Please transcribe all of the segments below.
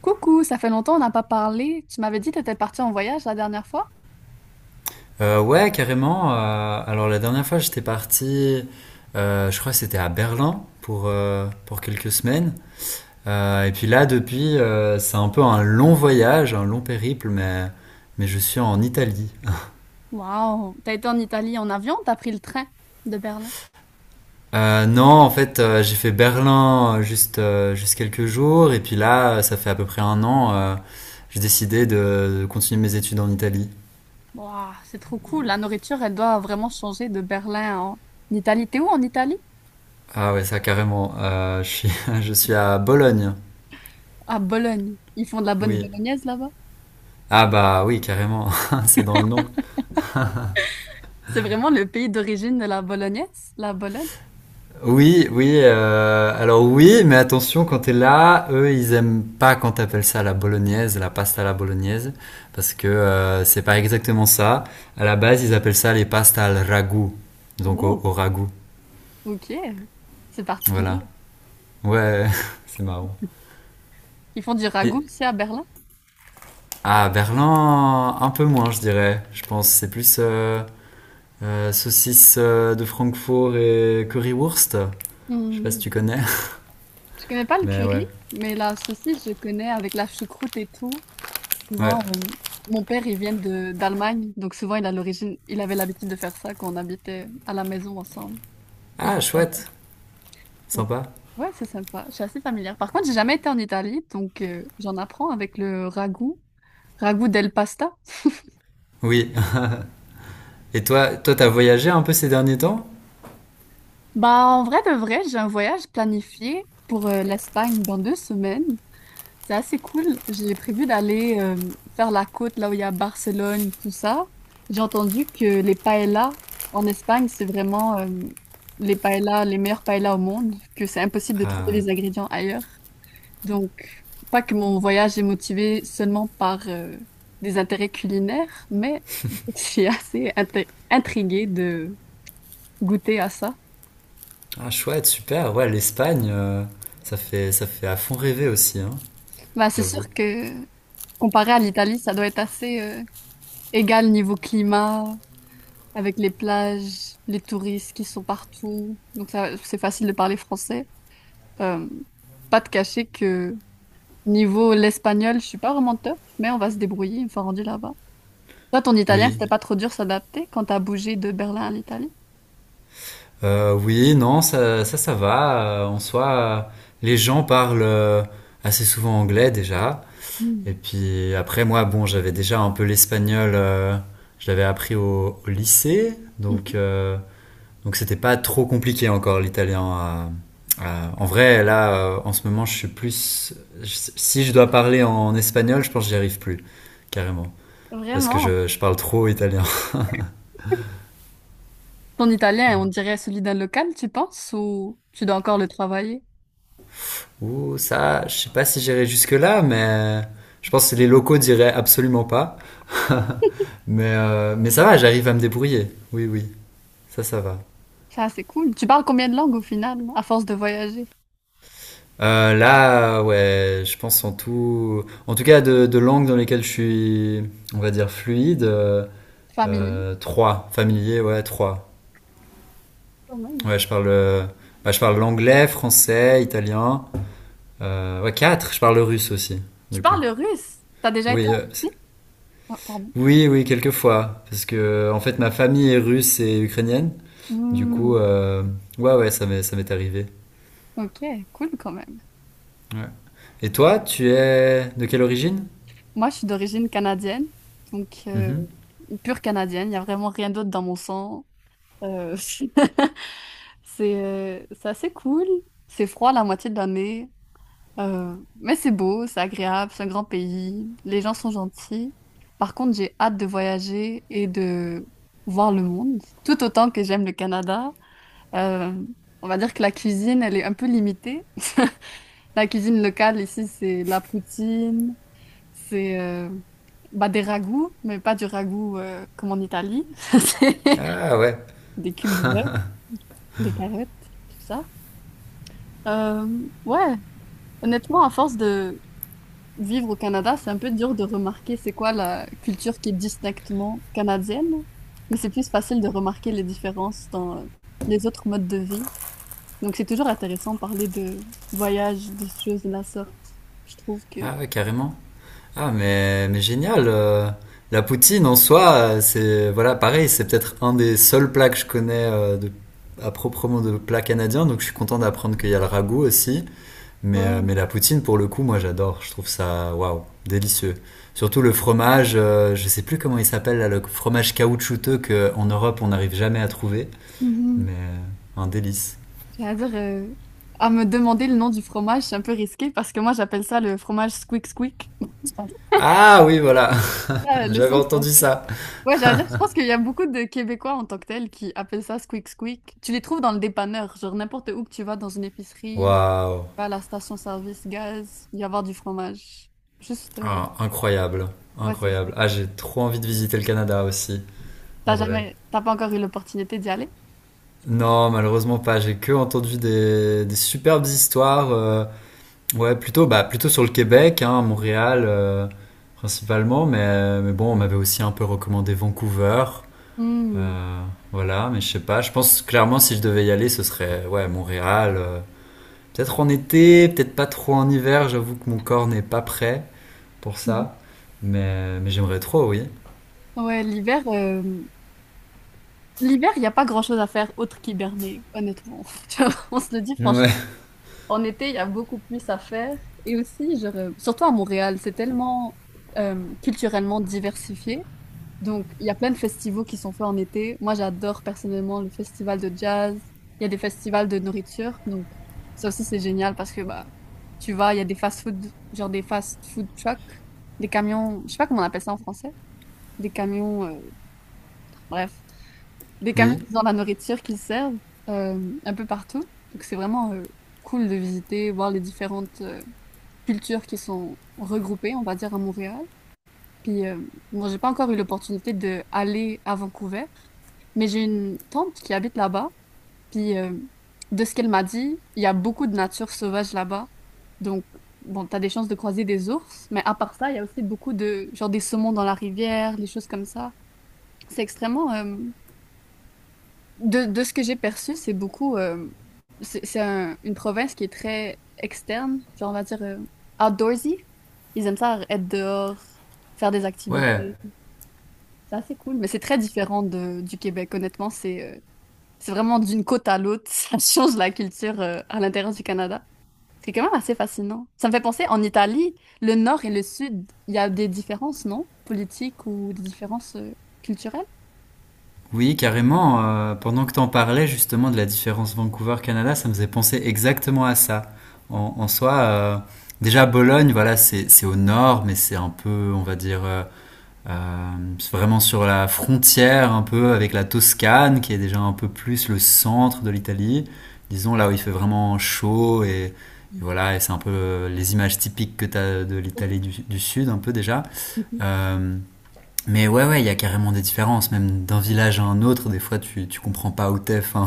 Coucou, ça fait longtemps on n'a pas parlé. Tu m'avais dit que tu étais partie en voyage la dernière fois? Ouais, carrément. Alors la dernière fois, j'étais parti, je crois que c'était à Berlin pour quelques semaines. Et puis là, depuis, c'est un peu un long voyage, un long périple, mais je suis en Italie. Wow, t'as été en Italie en avion, ou t'as pris le train de Berlin. Non, en fait, j'ai fait Berlin juste quelques jours. Et puis là, ça fait à peu près un an, j'ai décidé de continuer mes études en Italie. Wow, c'est trop cool. La nourriture, elle doit vraiment changer de Berlin en Italie. T'es où en Italie? Ah ouais, ça carrément. Je suis, je suis à Bologne, À Bologne. Ils font de la bonne oui. bolognaise là-bas. Ah bah oui, carrément, c'est dans le nom. C'est vraiment le pays d'origine de la bolognaise, la Bologne. Oui, oui, alors oui, mais attention, quand t'es là, eux, ils aiment pas quand t'appelles ça la bolognaise, la pasta à la bolognaise, parce que c'est pas exactement ça. À la base, ils appellent ça les pastas al ragout, donc au, Oh, au ragout, ok. C'est particulier. voilà. Ouais, c'est marrant. Ils font du Et ragoût ici à Berlin. à Berlin, un peu moins, je dirais. Je pense c'est plus saucisse de Francfort et currywurst. Je sais pas si Hmm. tu connais, Je connais pas le mais ouais, curry, mais la saucisse, je connais avec la choucroute et tout. ouais. Souvent, on- Mon père, il vient de d'Allemagne, donc souvent, il a l'origine, il avait l'habitude de faire ça quand on habitait à la maison ensemble. Il fait Ah, ça. chouette, Donc, sympa. ouais, c'est sympa. Je suis assez familière. Par contre, j'ai jamais été en Italie, donc j'en apprends avec le ragoût, ragoût del pasta. Oui. Et toi, toi, t'as voyagé un peu ces derniers temps? Bah, en vrai de vrai, j'ai un voyage planifié pour l'Espagne dans 2 semaines. C'est assez cool. J'ai prévu d'aller faire la côte là où il y a Barcelone, tout ça. J'ai entendu que les paellas en Espagne, c'est vraiment les paellas, les meilleures paellas au monde, que c'est impossible de trouver les ingrédients ailleurs. Donc, pas que mon voyage est motivé seulement par des intérêts culinaires, mais je suis assez intriguée de goûter à ça. Ah, chouette, super. Ouais, l'Espagne, ça fait à fond rêver aussi, hein, Bah, c'est j'avoue. sûr que comparé à l'Italie, ça doit être assez égal niveau climat, avec les plages, les touristes qui sont partout. Donc ça, c'est facile de parler français. Euh, Pas de cacher que niveau l'espagnol, je suis pas vraiment top, mais on va se débrouiller une fois rendu là-bas. Toi, ton italien, Oui. c'était pas trop dur s'adapter quand t'as bougé de Berlin à l'Italie? Oui, non, ça va. En soi, les gens parlent assez souvent anglais déjà. Hmm. Et puis après, moi, bon, j'avais déjà un peu l'espagnol. Je l'avais appris au lycée. Donc, euh, Donc c'était pas trop compliqué encore l'italien. En vrai, là, en ce moment, je suis plus. Je- si je dois parler en espagnol, je pense que j'y arrive plus, carrément, Mhm. parce que Vraiment? je parle trop italien. Ton italien, on dirait celui d'un local, tu penses, ou tu dois encore le travailler? Ouh, ça, je sais pas si j'irai jusque là, mais je pense que les locaux diraient absolument pas. Mais ça va, j'arrive à me débrouiller. Oui, oui, ça va. Ça, c'est cool. Tu parles combien de langues au final, à force de voyager? Là, ouais, je pense en tout cas de langues dans lesquelles je suis, on va dire fluide. Familier? Trois, familier, ouais, trois. Quand même. Ouais, bah, je parle l'anglais, français, italien. Ouais, quatre, je parle le russe aussi, Tu du coup. parles le russe? T'as déjà Oui, été en euh, c- Russie? Ah, pardon. oui, oui, quelquefois. Parce que, en fait, ma famille est russe et ukrainienne. Du coup, Hmm. euh, ouais, ouais, ça m'est arrivé. Ok, cool quand même. Ouais. Et toi, tu es de quelle origine? Moi, je suis d'origine canadienne, donc Mhm. pure canadienne. Il n'y a vraiment rien d'autre dans mon sang. Euh, c'est assez cool. C'est froid la moitié de l'année, mais c'est beau, c'est agréable, c'est un grand pays. Les gens sont gentils. Par contre, j'ai hâte de voyager et de voir le monde, tout autant que j'aime le Canada. Euh, on va dire que la cuisine, elle est un peu limitée. La cuisine locale ici, c'est la poutine. C'est bah, des ragoûts, mais pas du ragoût comme en Italie. C'est Ah ouais, des cubes de bœuf, des carottes, tout ça. Ouais, honnêtement, à force de vivre au Canada, c'est un peu dur de remarquer c'est quoi la culture qui est distinctement canadienne, mais c'est plus facile de remarquer les différences dans les autres modes de vie. Donc c'est toujours intéressant de parler de voyage, des choses de la sorte. Je trouve que... ah ouais, carrément. Ah, mais génial. La poutine en soi, c'est voilà, pareil, c'est peut-être un des seuls plats que je connais euh, à proprement de plats canadiens, donc je suis content d'apprendre qu'il y a le ragoût aussi. Mais, euh, Ouais. mais la poutine, pour le coup, moi j'adore. Je trouve ça waouh, délicieux. Surtout le fromage, je sais plus comment il s'appelle là, le fromage caoutchouteux qu'en Europe on n'arrive jamais à trouver, Mhm. mais un délice. C'est-à-dire, à me demander le nom du fromage, c'est un peu risqué parce que moi, j'appelle ça le fromage squeak squeak. Ah oui, voilà, Ah, le j'avais son qu'on entendu ça. ouais, j'allais dire, je pense qu'il y a beaucoup de Québécois en tant que tels qui appellent ça squeak squeak. Tu les trouves dans le dépanneur, genre n'importe où que tu vas, dans une épicerie, Waouh, tu vas à la station-service gaz, il va y avoir du fromage. Juste, ah, incroyable, ouais, c'est. incroyable. Ah, j'ai trop envie de visiter le Canada aussi, T'as en vrai. jamais, t'as pas encore eu l'opportunité d'y aller? Non, malheureusement pas. J'ai que entendu des superbes histoires. Ouais, plutôt, bah, plutôt sur le Québec, hein, Montréal principalement. Mais bon, on m'avait aussi un peu recommandé Vancouver. Hmm. Euh, voilà, mais je sais pas. Je pense clairement si je devais y aller, ce serait ouais Montréal. Peut-être en été, peut-être pas trop en hiver. J'avoue que mon corps n'est pas prêt pour Mhm. ça. Mais j'aimerais trop, oui. Ouais, l'hiver, il n'y a pas grand-chose à faire autre qu'hiberner, honnêtement. Tu vois, on se le dit franchement. Ouais. En été, il y a beaucoup plus à faire. Et aussi, surtout à Montréal, c'est tellement culturellement diversifié. Donc, il y a plein de festivals qui sont faits en été. Moi, j'adore personnellement le festival de jazz. Il y a des festivals de nourriture. Donc, ça aussi, c'est génial parce que bah, tu vas, il y a des fast-food, genre des fast-food trucks, des camions, je sais pas comment on appelle ça en français, des camions, bref, des camions Oui. qui ont la nourriture qu'ils servent euh, un peu partout. Donc, c'est vraiment cool de visiter, voir les différentes cultures qui sont regroupées, on va dire, à Montréal. Puis, bon, j'ai pas encore eu l'opportunité d'aller à Vancouver, mais j'ai une tante qui habite là-bas. Puis, de ce qu'elle m'a dit, il y a beaucoup de nature sauvage là-bas. Donc, bon, t'as des chances de croiser des ours, mais à part ça, il y a aussi beaucoup de, genre, des saumons dans la rivière, des choses comme ça. C'est extrêmement, de ce que j'ai perçu, c'est beaucoup. C'est une province qui est très externe, genre on va dire outdoorsy. Ils aiment ça être dehors, faire des Ouais, activités. C'est assez cool, mais c'est très différent du Québec. Honnêtement, c'est vraiment d'une côte à l'autre. Ça change la culture à l'intérieur du Canada. C'est quand même assez fascinant. Ça me fait penser, en Italie, le nord et le sud, il y a des différences, non? Politiques ou des différences culturelles? oui, carrément. Pendant que t'en parlais justement de la différence Vancouver-Canada, ça me faisait penser exactement à ça. En soi, déjà Bologne, voilà, c'est au nord, mais c'est un peu, on va dire, euh, c'est vraiment sur la frontière un peu avec la Toscane, qui est déjà un peu plus le centre de l'Italie. Disons là où il fait vraiment chaud et Mhm. voilà, et c'est un peu les images typiques que t'as de l'Italie du sud, un peu déjà. Mhm. Euh, Mais ouais, ouais, il y a carrément des différences, même d'un village à un autre. Des fois, tu comprends pas où t'es. Enfin,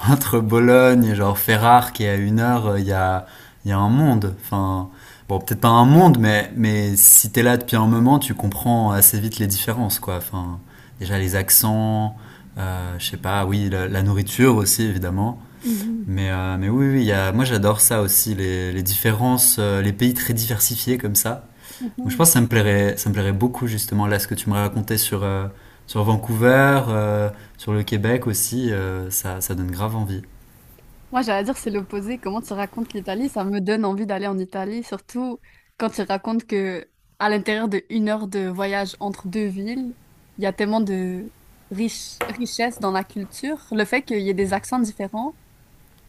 entre Bologne et genre Ferrare, qui est à une heure, il y a un monde. Enfin, bon, peut-être pas un monde, mais si t'es là depuis un moment, tu comprends assez vite les différences, quoi. Enfin, déjà les accents, je sais pas, oui, la nourriture aussi, évidemment. Mhm. Mais oui, oui, il y a, moi j'adore ça aussi, les différences, les pays très diversifiés comme ça. Donc, je pense Mhm. que ça me plairait beaucoup justement là ce que tu me racontais sur sur Vancouver, sur le Québec aussi, ça donne grave envie. Moi, j'allais dire, c'est l'opposé. Comment tu racontes l'Italie? Ça me donne envie d'aller en Italie, surtout quand tu racontes que à l'intérieur de 1 heure de voyage entre deux villes, il y a tellement de richesse dans la culture. Le fait qu'il y ait des accents différents,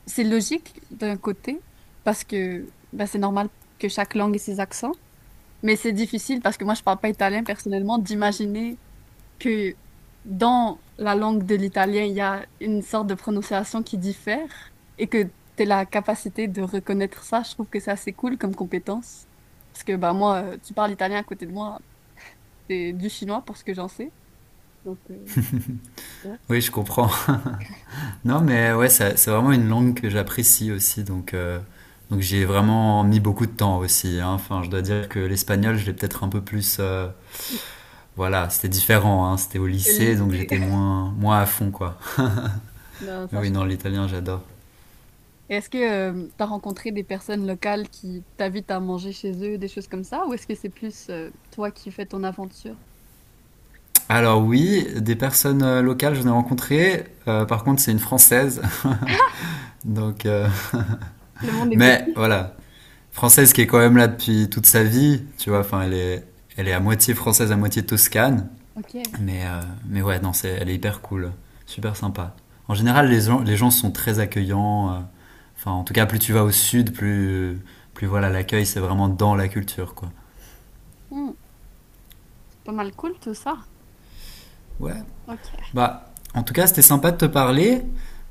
c'est logique d'un côté, parce que bah, c'est normal que chaque langue ait ses accents. Mais c'est difficile parce que moi, je parle pas italien personnellement, d'imaginer que dans la langue de l'italien, il y a une sorte de prononciation qui diffère et que tu as la capacité de reconnaître ça, je trouve que c'est assez cool comme compétence. Parce que bah, moi, tu parles italien à côté de moi, c'est du chinois pour ce que j'en sais. Donc, ouais. Oui, je comprends. non, mais ouais, c'est vraiment une langue que j'apprécie aussi, donc j'y ai vraiment mis beaucoup de temps aussi. Hein. Enfin, je dois dire que l'espagnol, je l'ai peut-être un peu plus. Voilà, c'était différent, hein. C'était au C'est le lycée, donc lycée. j'étais moins, moins à fond, quoi. Non, Mais ça, je oui, sais non, pas. l'italien, j'adore. Et est-ce que tu as rencontré des personnes locales qui t'invitent à manger chez eux, des choses comme ça, ou est-ce que c'est plus toi qui fais ton aventure? Alors oui, des personnes locales, je ai rencontrées. Par contre, c'est une française. Donc, Le monde est mais petit. voilà, française qui est quand même là depuis toute sa vie, tu vois. Enfin, Ok. Elle est à moitié française, à moitié toscane. Ok. Mais, euh, mais ouais, non, c'est, elle est hyper cool, super sympa. En général, les gens sont très accueillants. Enfin, en tout cas, plus tu vas au sud, plus voilà, l'accueil, c'est vraiment dans la culture, quoi. Hmm, c'est pas mal cool tout ça. Ouais. Ok. Bah, en tout cas, c'était sympa de te parler.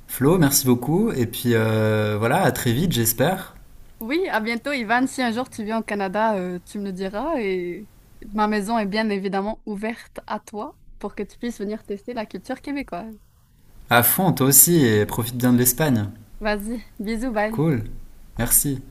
Flo, merci beaucoup. Et puis voilà, à très vite, j'espère. Oui, à bientôt, Ivan. Si un jour tu viens au Canada, tu me le diras et ma maison est bien évidemment ouverte à toi pour que tu puisses venir tester la culture québécoise. À fond, toi aussi, et profite bien de l'Espagne. Vas-y, bisous, bye. Cool. Merci.